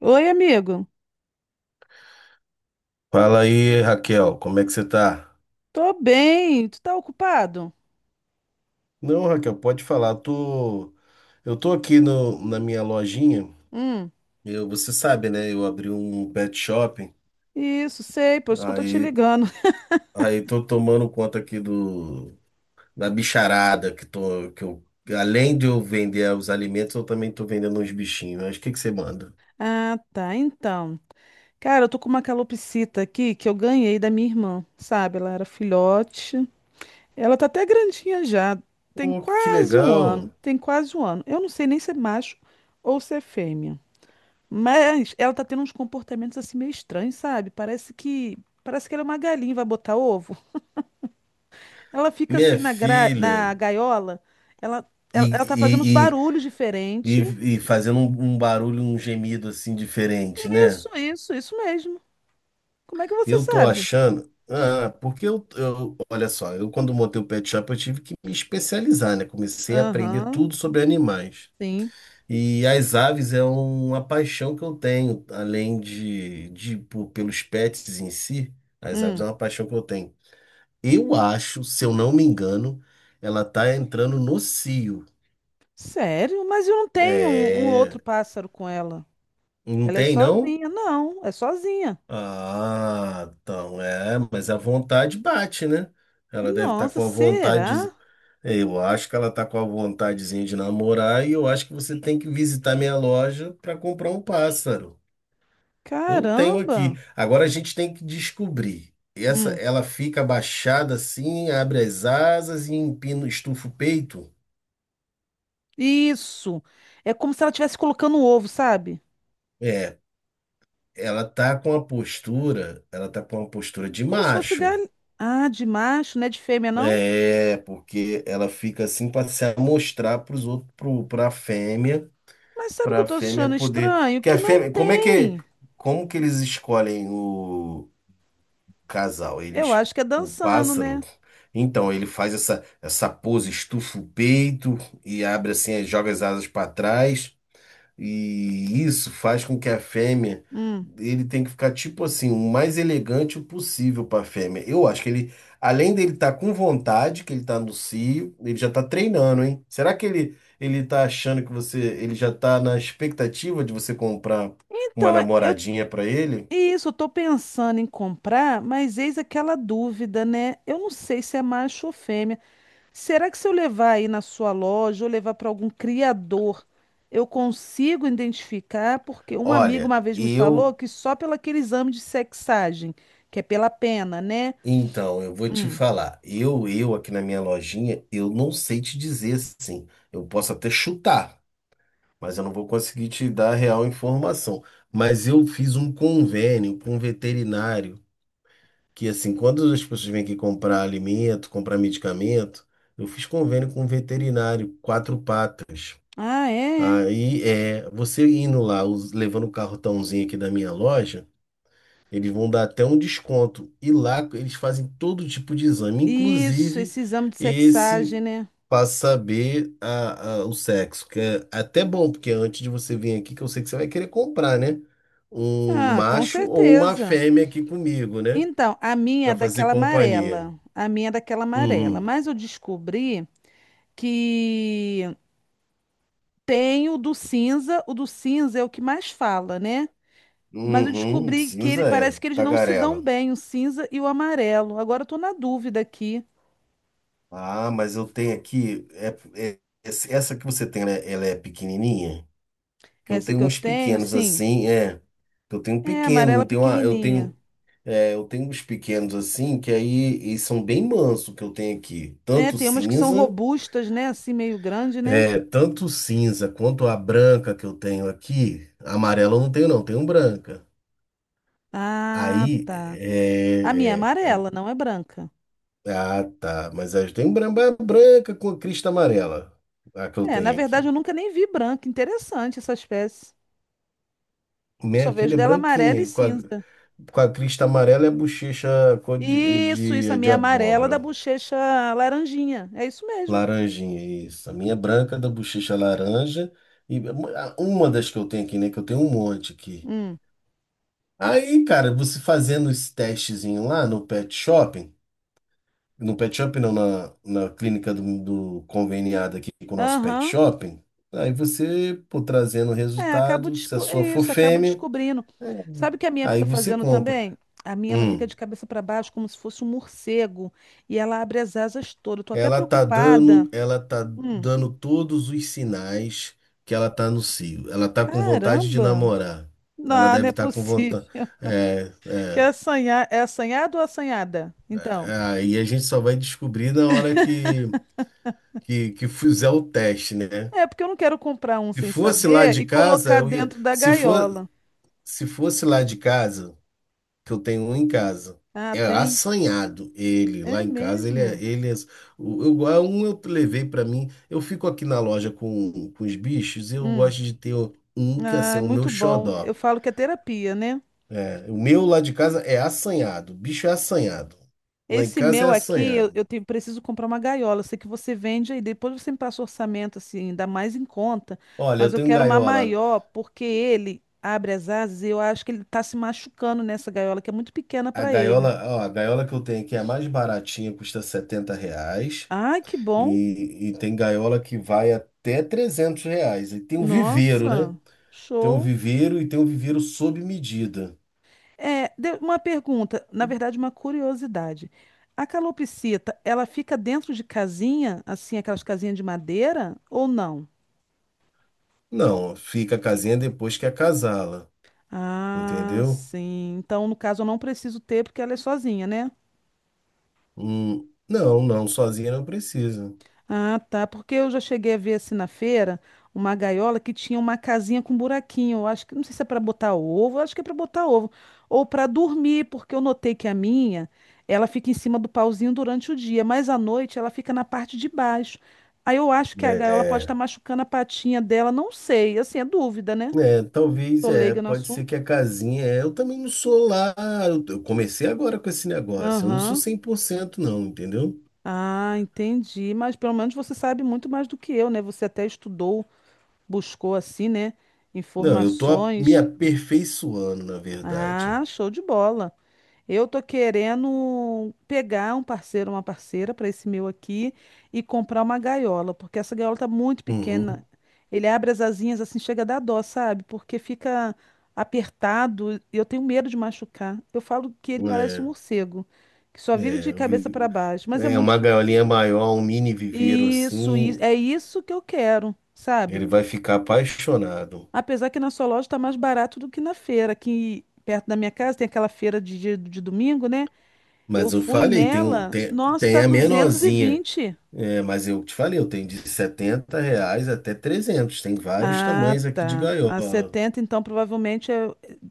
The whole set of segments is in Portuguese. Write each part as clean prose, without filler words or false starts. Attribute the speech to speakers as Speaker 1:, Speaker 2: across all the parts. Speaker 1: Oi, amigo.
Speaker 2: Fala aí, Raquel, como é que você tá?
Speaker 1: Tô bem. Tu tá ocupado?
Speaker 2: Não, Raquel, pode falar. Eu tô aqui no, na minha lojinha.
Speaker 1: Hum,
Speaker 2: Você sabe, né? Eu abri um pet shop.
Speaker 1: isso, sei, por isso que eu tô te
Speaker 2: Aí,
Speaker 1: ligando.
Speaker 2: aí tô tomando conta aqui do da bicharada que eu, além de eu vender os alimentos, eu também tô vendendo uns bichinhos. Mas o que que você manda?
Speaker 1: Ah, tá. Então, cara, eu tô com uma calopsita aqui que eu ganhei da minha irmã, sabe? Ela era filhote. Ela tá até grandinha já. Tem
Speaker 2: Pô, que
Speaker 1: quase um
Speaker 2: legal,
Speaker 1: ano. Tem quase um ano. Eu não sei nem se é macho ou se é fêmea. Mas ela tá tendo uns comportamentos assim meio estranhos, sabe? Parece que ela é uma galinha, e vai botar ovo. Ela fica assim
Speaker 2: minha
Speaker 1: na,
Speaker 2: filha.
Speaker 1: na gaiola, ela tá fazendo uns
Speaker 2: E, e,
Speaker 1: barulhos
Speaker 2: e,
Speaker 1: diferentes.
Speaker 2: e fazendo um barulho, um gemido assim diferente, né?
Speaker 1: Isso mesmo. Como é que você
Speaker 2: Eu tô
Speaker 1: sabe?
Speaker 2: achando. Ah, porque olha só, eu quando montei o pet shop eu tive que me especializar, né? Comecei a aprender
Speaker 1: Aham,
Speaker 2: tudo sobre animais.
Speaker 1: sim.
Speaker 2: E as aves é uma paixão que eu tenho, além de pelos pets em si, as aves é
Speaker 1: Hum,
Speaker 2: uma paixão que eu tenho. Eu acho, se eu não me engano, ela tá entrando no cio.
Speaker 1: sério? Mas eu não tenho um outro
Speaker 2: É,
Speaker 1: pássaro com ela.
Speaker 2: não
Speaker 1: Ela é
Speaker 2: tem não?
Speaker 1: sozinha. Não, é sozinha.
Speaker 2: Ah, então é, mas a vontade bate, né? Ela deve estar
Speaker 1: Nossa,
Speaker 2: com a
Speaker 1: será?
Speaker 2: vontade. É, eu acho que ela tá com a vontadezinha de namorar e eu acho que você tem que visitar minha loja para comprar um pássaro. Eu tenho
Speaker 1: Caramba.
Speaker 2: aqui. Agora a gente tem que descobrir. Essa,
Speaker 1: Hum,
Speaker 2: ela fica abaixada assim, abre as asas e empina, estufa o peito.
Speaker 1: isso. É como se ela estivesse colocando um ovo, sabe?
Speaker 2: É, ela tá com a postura, ela tá com uma postura de
Speaker 1: Como se fosse
Speaker 2: macho.
Speaker 1: galinha. Ah, de macho, não é de fêmea, não?
Speaker 2: É, porque ela fica assim para se amostrar para os outros, para a fêmea.
Speaker 1: Mas sabe o que
Speaker 2: Para
Speaker 1: eu
Speaker 2: a
Speaker 1: tô
Speaker 2: fêmea
Speaker 1: achando
Speaker 2: poder.
Speaker 1: estranho?
Speaker 2: Porque a
Speaker 1: Que não
Speaker 2: fêmea, como é que
Speaker 1: tem.
Speaker 2: como que eles escolhem o casal?
Speaker 1: Eu acho que é
Speaker 2: O
Speaker 1: dançando,
Speaker 2: pássaro,
Speaker 1: né?
Speaker 2: então ele faz essa pose, estufa o peito e abre assim, joga as asas para trás. E isso faz com que a fêmea,
Speaker 1: Hum.
Speaker 2: Ele tem que ficar tipo assim, o mais elegante possível para a fêmea. Eu acho que ele, além dele estar com vontade, que ele está no cio, ele já está treinando, hein? Será que ele tá achando ele já está na expectativa de você comprar uma
Speaker 1: Então, eu
Speaker 2: namoradinha para ele?
Speaker 1: isso, eu tô pensando em comprar, mas eis aquela dúvida, né? Eu não sei se é macho ou fêmea. Será que se eu levar aí na sua loja ou levar para algum criador, eu consigo identificar? Porque um amigo
Speaker 2: Olha,
Speaker 1: uma vez me falou
Speaker 2: eu
Speaker 1: que só pelo aquele exame de sexagem, que é pela pena, né?
Speaker 2: Então, eu vou te
Speaker 1: Hum.
Speaker 2: falar. Eu aqui na minha lojinha, eu não sei te dizer assim. Eu posso até chutar, mas eu não vou conseguir te dar a real informação. Mas eu fiz um convênio com um veterinário, que assim, quando as pessoas vêm aqui comprar alimento, comprar medicamento, eu fiz convênio com um veterinário, Quatro Patas.
Speaker 1: Ah, é? É.
Speaker 2: Aí é, você indo lá, levando o cartãozinho aqui da minha loja, eles vão dar até um desconto. E lá eles fazem todo tipo de exame,
Speaker 1: Isso,
Speaker 2: inclusive
Speaker 1: esse exame de sexagem,
Speaker 2: esse.
Speaker 1: né?
Speaker 2: Pra saber o sexo, que é até bom, porque antes de você vir aqui, que eu sei que você vai querer comprar, né? Um
Speaker 1: Ah, com
Speaker 2: macho ou uma
Speaker 1: certeza.
Speaker 2: fêmea aqui comigo, né?
Speaker 1: Então, a minha é
Speaker 2: Para fazer
Speaker 1: daquela
Speaker 2: companhia.
Speaker 1: amarela. A minha é daquela amarela.
Speaker 2: Uhum.
Speaker 1: Mas eu descobri que tem o do cinza. O do cinza é o que mais fala, né? Mas eu
Speaker 2: Uhum,
Speaker 1: descobri que ele,
Speaker 2: cinza é,
Speaker 1: parece que eles não se dão
Speaker 2: tagarela.
Speaker 1: bem, o cinza e o amarelo. Agora eu tô na dúvida aqui.
Speaker 2: Ah, mas eu tenho aqui, essa que você tem, né? Ela é pequenininha? Que eu
Speaker 1: Essa
Speaker 2: tenho
Speaker 1: que eu
Speaker 2: uns
Speaker 1: tenho,
Speaker 2: pequenos
Speaker 1: sim,
Speaker 2: assim, é. Eu tenho um
Speaker 1: é
Speaker 2: pequeno,
Speaker 1: amarela
Speaker 2: eu
Speaker 1: pequenininha.
Speaker 2: tenho. É, eu tenho uns pequenos assim, que aí e são bem manso que eu tenho aqui.
Speaker 1: É,
Speaker 2: Tanto
Speaker 1: tem umas que são
Speaker 2: cinza,
Speaker 1: robustas, né? Assim, meio grande, né?
Speaker 2: é, tanto cinza quanto a branca que eu tenho aqui. Amarela eu não tenho, não, tenho branca.
Speaker 1: Ah,
Speaker 2: Aí,
Speaker 1: tá. A minha é
Speaker 2: é, é,
Speaker 1: amarela, não é branca.
Speaker 2: é, ah, tá. Mas aí eu tenho branca com a crista amarela, a que eu
Speaker 1: É, na
Speaker 2: tenho
Speaker 1: verdade
Speaker 2: aqui.
Speaker 1: eu nunca nem vi branca. Interessante essa espécie. Eu só
Speaker 2: Minha
Speaker 1: vejo
Speaker 2: filha é
Speaker 1: dela amarela e
Speaker 2: branquinha, com a,
Speaker 1: cinza.
Speaker 2: com a crista amarela e a bochecha cor de,
Speaker 1: Isso, a
Speaker 2: de, de
Speaker 1: minha amarela da
Speaker 2: abóbora.
Speaker 1: bochecha laranjinha. É isso mesmo.
Speaker 2: Laranjinha, isso. A minha é branca da bochecha é laranja. E uma das que eu tenho aqui, né? Que eu tenho um monte aqui.
Speaker 1: Hum.
Speaker 2: Aí, cara, você fazendo esse testezinho lá no pet shopping, no pet shopping não, na clínica do conveniado aqui com o nosso pet
Speaker 1: Aham.
Speaker 2: shopping, aí você, pô, trazendo o
Speaker 1: É,
Speaker 2: resultado, se a
Speaker 1: é
Speaker 2: sua for
Speaker 1: isso, acabo
Speaker 2: fêmea,
Speaker 1: descobrindo.
Speaker 2: é,
Speaker 1: Sabe o que a minha
Speaker 2: aí
Speaker 1: fica
Speaker 2: você
Speaker 1: fazendo
Speaker 2: compra.
Speaker 1: também? A minha, ela fica
Speaker 2: Hum.
Speaker 1: de cabeça para baixo, como se fosse um morcego. E ela abre as asas todas. Eu tô até
Speaker 2: Ela tá
Speaker 1: preocupada.
Speaker 2: dando, ela tá
Speaker 1: Hum.
Speaker 2: dando todos os sinais que ela tá no cio. Ela tá com vontade de
Speaker 1: Caramba!
Speaker 2: namorar. Ela
Speaker 1: Não, não
Speaker 2: deve
Speaker 1: é
Speaker 2: estar com vontade.
Speaker 1: possível.
Speaker 2: É,
Speaker 1: Quer
Speaker 2: é.
Speaker 1: assanhar? É assanhado ou assanhada? Então.
Speaker 2: É, aí a gente só vai descobrir na hora que fizer o teste, né?
Speaker 1: É, porque eu não quero comprar um
Speaker 2: Se
Speaker 1: sem
Speaker 2: fosse lá
Speaker 1: saber
Speaker 2: de
Speaker 1: e
Speaker 2: casa,
Speaker 1: colocar
Speaker 2: eu ia.
Speaker 1: dentro da
Speaker 2: Se for,
Speaker 1: gaiola.
Speaker 2: se fosse lá de casa. Que eu tenho um em casa.
Speaker 1: Ah,
Speaker 2: É
Speaker 1: tem?
Speaker 2: assanhado ele
Speaker 1: É
Speaker 2: lá em casa.
Speaker 1: mesmo.
Speaker 2: Ele é, o- eu, a Um eu levei pra mim. Eu fico aqui na loja com os bichos. Eu
Speaker 1: Hum.
Speaker 2: gosto de ter um que
Speaker 1: Ah,
Speaker 2: assim,
Speaker 1: é
Speaker 2: é o meu
Speaker 1: muito bom. Eu
Speaker 2: xodó.
Speaker 1: falo que é terapia, né?
Speaker 2: É, o meu lá de casa é assanhado. O bicho é assanhado. Lá em
Speaker 1: Esse
Speaker 2: casa
Speaker 1: meu
Speaker 2: é
Speaker 1: aqui, eu,
Speaker 2: assanhado.
Speaker 1: eu tenho- preciso comprar uma gaiola. Eu sei que você vende aí, depois você me passa o orçamento, assim, ainda mais em conta.
Speaker 2: Olha,
Speaker 1: Mas
Speaker 2: eu
Speaker 1: eu
Speaker 2: tenho
Speaker 1: quero uma
Speaker 2: gaiola.
Speaker 1: maior, porque ele abre as asas e eu acho que ele tá se machucando nessa gaiola, que é muito pequena
Speaker 2: A
Speaker 1: para ele.
Speaker 2: gaiola, ó, a gaiola que eu tenho aqui é a mais baratinha, custa R$ 70.
Speaker 1: Ai, que bom.
Speaker 2: E tem gaiola que vai até R$ 300. E tem o viveiro, né?
Speaker 1: Nossa,
Speaker 2: Tem um
Speaker 1: show.
Speaker 2: viveiro e tem um viveiro sob medida.
Speaker 1: É, uma pergunta, na verdade, uma curiosidade. A calopsita, ela fica dentro de casinha, assim, aquelas casinhas de madeira, ou não?
Speaker 2: Não, fica a casinha depois que acasala,
Speaker 1: Ah,
Speaker 2: entendeu?
Speaker 1: sim. Então, no caso, eu não preciso ter porque ela é sozinha, né?
Speaker 2: Não, não, sozinha não precisa.
Speaker 1: Ah, tá. Porque eu já cheguei a ver assim na feira uma gaiola que tinha uma casinha com buraquinho. Eu acho que não sei se é para botar ovo, eu acho que é para botar ovo ou para dormir, porque eu notei que a minha, ela fica em cima do pauzinho durante o dia, mas à noite ela fica na parte de baixo. Aí eu acho que a gaiola pode estar
Speaker 2: É,
Speaker 1: machucando a patinha dela, não sei. Assim, é dúvida, né?
Speaker 2: Talvez,
Speaker 1: Tô leiga no
Speaker 2: pode ser que
Speaker 1: assunto.
Speaker 2: a casinha, eu também não sou lá, eu comecei agora com esse negócio, eu não sou
Speaker 1: Aham.
Speaker 2: 100% não, entendeu?
Speaker 1: Ah, entendi. Mas pelo menos você sabe muito mais do que eu, né? Você até estudou, buscou assim, né?
Speaker 2: Não, eu tô me
Speaker 1: Informações.
Speaker 2: aperfeiçoando, na verdade.
Speaker 1: Ah, show de bola. Eu tô querendo pegar um parceiro, uma parceira para esse meu aqui e comprar uma gaiola, porque essa gaiola tá muito pequena.
Speaker 2: Uhum,
Speaker 1: Ele abre as asinhas assim, chega a dar dó, sabe? Porque fica apertado e eu tenho medo de machucar. Eu falo que ele parece um
Speaker 2: é,
Speaker 1: morcego, que só vive de
Speaker 2: é, eu
Speaker 1: cabeça para
Speaker 2: vi-
Speaker 1: baixo, mas é muito
Speaker 2: uma
Speaker 1: fo-
Speaker 2: gaiolinha maior, um mini viveiro
Speaker 1: Isso,
Speaker 2: assim,
Speaker 1: é isso que eu quero, sabe?
Speaker 2: ele vai ficar apaixonado.
Speaker 1: Apesar que na sua loja tá mais barato do que na feira, aqui perto da minha casa tem aquela feira de, de domingo, né? Eu
Speaker 2: Mas eu
Speaker 1: fui
Speaker 2: falei, tem, um-
Speaker 1: nela,
Speaker 2: tem,
Speaker 1: nossa,
Speaker 2: tem
Speaker 1: tá
Speaker 2: a
Speaker 1: duzentos e
Speaker 2: menorzinha.
Speaker 1: vinte.
Speaker 2: É, mas eu te falei, eu tenho de R$ 70 até 300. Tem vários
Speaker 1: Ah,
Speaker 2: tamanhos aqui de
Speaker 1: tá. A
Speaker 2: gaiola.
Speaker 1: 70 então, provavelmente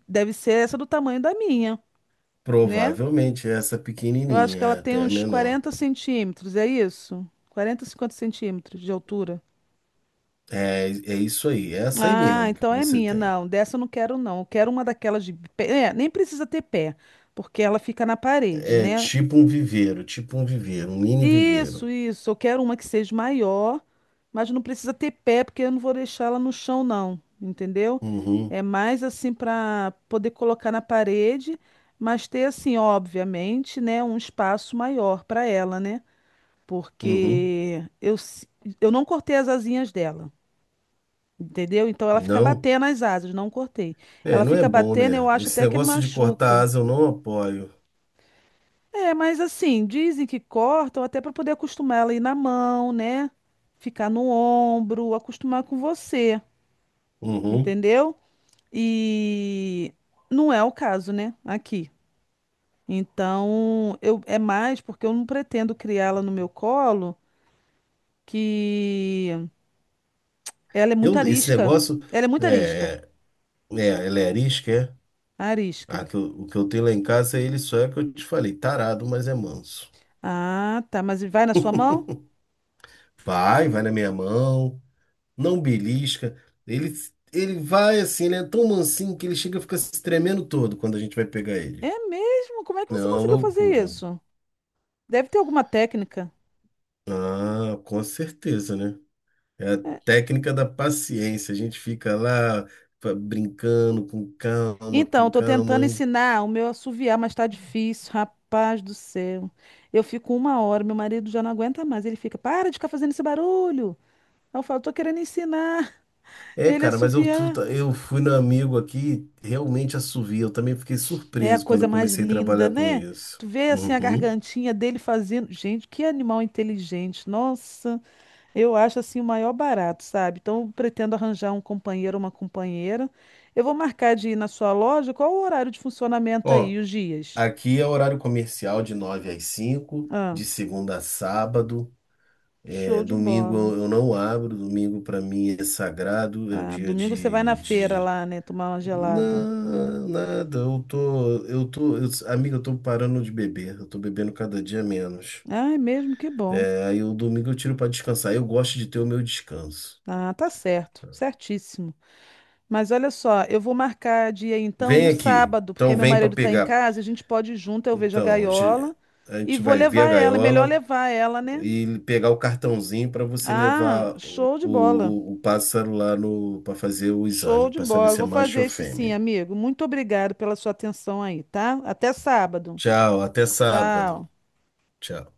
Speaker 1: deve ser essa do tamanho da minha, né?
Speaker 2: Provavelmente essa
Speaker 1: Eu acho
Speaker 2: pequenininha,
Speaker 1: que ela
Speaker 2: é
Speaker 1: tem
Speaker 2: até a
Speaker 1: uns
Speaker 2: menor.
Speaker 1: 40 centímetros, é isso? 40 50 centímetros de altura.
Speaker 2: É, é isso aí, é essa aí
Speaker 1: Ah,
Speaker 2: mesmo que
Speaker 1: então é
Speaker 2: você
Speaker 1: minha.
Speaker 2: tem.
Speaker 1: Não, dessa eu não quero, não. Eu quero uma daquelas de pé. É, nem precisa ter pé, porque ela fica na parede,
Speaker 2: É
Speaker 1: né?
Speaker 2: tipo um viveiro, tipo um viveiro, um mini
Speaker 1: Isso,
Speaker 2: viveiro.
Speaker 1: isso. Eu quero uma que seja maior, mas não precisa ter pé, porque eu não vou deixar ela no chão, não. Entendeu?
Speaker 2: Uhum,
Speaker 1: É mais assim para poder colocar na parede, mas ter assim, obviamente, né, um espaço maior para ela, né?
Speaker 2: uhum.
Speaker 1: Porque eu não cortei as asinhas dela, entendeu? Então ela fica
Speaker 2: Não,
Speaker 1: batendo as asas, não cortei.
Speaker 2: é,
Speaker 1: Ela
Speaker 2: não é
Speaker 1: fica
Speaker 2: bom,
Speaker 1: batendo, eu
Speaker 2: né?
Speaker 1: acho
Speaker 2: Esse
Speaker 1: até que
Speaker 2: negócio de cortar
Speaker 1: machuca.
Speaker 2: asa eu não apoio.
Speaker 1: É, mas assim, dizem que cortam até para poder acostumar ela a ir na mão, né? Ficar no ombro, acostumar com você,
Speaker 2: Uhum.
Speaker 1: entendeu? E não é o caso, né? Aqui. Então, eu é mais porque eu não pretendo criá-la no meu colo, que ela é muito
Speaker 2: Eu, esse
Speaker 1: arisca.
Speaker 2: negócio
Speaker 1: Ela é muito arisca.
Speaker 2: é, é, é, Ele é arisco, é? Ah,
Speaker 1: Arisca.
Speaker 2: o que eu tenho lá em casa é ele só é o que eu te falei, tarado, mas é manso.
Speaker 1: Ah, tá, mas vai na sua mão?
Speaker 2: Vai, vai na minha mão, não belisca. Ele, ele vai assim, ele é tão mansinho que ele chega a ficar se tremendo todo quando a gente vai pegar ele.
Speaker 1: É mesmo? Como é que
Speaker 2: É
Speaker 1: você
Speaker 2: uma
Speaker 1: conseguiu fazer
Speaker 2: loucura.
Speaker 1: isso? Deve ter alguma técnica.
Speaker 2: Ah, com certeza, né? É a técnica da paciência. A gente fica lá brincando com calma, com
Speaker 1: Então, tô tentando
Speaker 2: calma.
Speaker 1: ensinar o meu a assoviar, mas tá difícil, rapaz do céu. Eu fico uma hora, meu marido já não aguenta mais. Ele fica, para de ficar fazendo esse barulho. Aí eu falo, tô querendo ensinar
Speaker 2: É,
Speaker 1: ele a
Speaker 2: cara, mas
Speaker 1: assoviar.
Speaker 2: eu fui no amigo aqui, realmente assovia. Eu também fiquei
Speaker 1: É a
Speaker 2: surpreso quando
Speaker 1: coisa
Speaker 2: eu
Speaker 1: mais
Speaker 2: comecei a
Speaker 1: linda,
Speaker 2: trabalhar com
Speaker 1: né?
Speaker 2: isso.
Speaker 1: Tu vê assim a
Speaker 2: Uhum.
Speaker 1: gargantinha dele fazendo. Gente, que animal inteligente. Nossa, eu acho assim o maior barato, sabe? Então, eu pretendo arranjar um companheiro, uma companheira. Eu vou marcar de ir na sua loja. Qual o horário de funcionamento
Speaker 2: Ó,
Speaker 1: aí, os dias?
Speaker 2: aqui é horário comercial de 9 às 5,
Speaker 1: Ah,
Speaker 2: de segunda a sábado. É,
Speaker 1: show de
Speaker 2: domingo
Speaker 1: bola.
Speaker 2: eu não abro, domingo para mim é sagrado, é o
Speaker 1: Ah,
Speaker 2: dia
Speaker 1: domingo você vai na
Speaker 2: de,
Speaker 1: feira
Speaker 2: de...
Speaker 1: lá, né? Tomar uma gelada.
Speaker 2: Não, nada, amigo, eu tô parando de beber, eu tô bebendo cada dia menos.
Speaker 1: Ah, é mesmo? Que bom.
Speaker 2: É, aí o domingo eu tiro para descansar. Eu gosto de ter o meu descanso.
Speaker 1: Ah, tá certo. Certíssimo. Mas olha só, eu vou marcar dia então
Speaker 2: Vem
Speaker 1: no
Speaker 2: aqui.
Speaker 1: sábado, porque
Speaker 2: Então
Speaker 1: meu
Speaker 2: vem para
Speaker 1: marido tá em
Speaker 2: pegar.
Speaker 1: casa, a gente pode ir junto, eu vejo a
Speaker 2: Então, a gente
Speaker 1: gaiola
Speaker 2: a
Speaker 1: e
Speaker 2: gente
Speaker 1: vou
Speaker 2: vai ver a
Speaker 1: levar ela. É melhor
Speaker 2: gaiola
Speaker 1: levar ela, né?
Speaker 2: e pegar o cartãozinho para você
Speaker 1: Ah,
Speaker 2: levar o,
Speaker 1: show de bola.
Speaker 2: o, o pássaro lá no para fazer o
Speaker 1: Show
Speaker 2: exame,
Speaker 1: de
Speaker 2: para saber
Speaker 1: bola.
Speaker 2: se é
Speaker 1: Vou
Speaker 2: macho
Speaker 1: fazer
Speaker 2: ou
Speaker 1: isso sim,
Speaker 2: fêmea.
Speaker 1: amigo. Muito obrigado pela sua atenção aí, tá? Até sábado.
Speaker 2: Tchau, até sábado.
Speaker 1: Tchau.
Speaker 2: Tchau.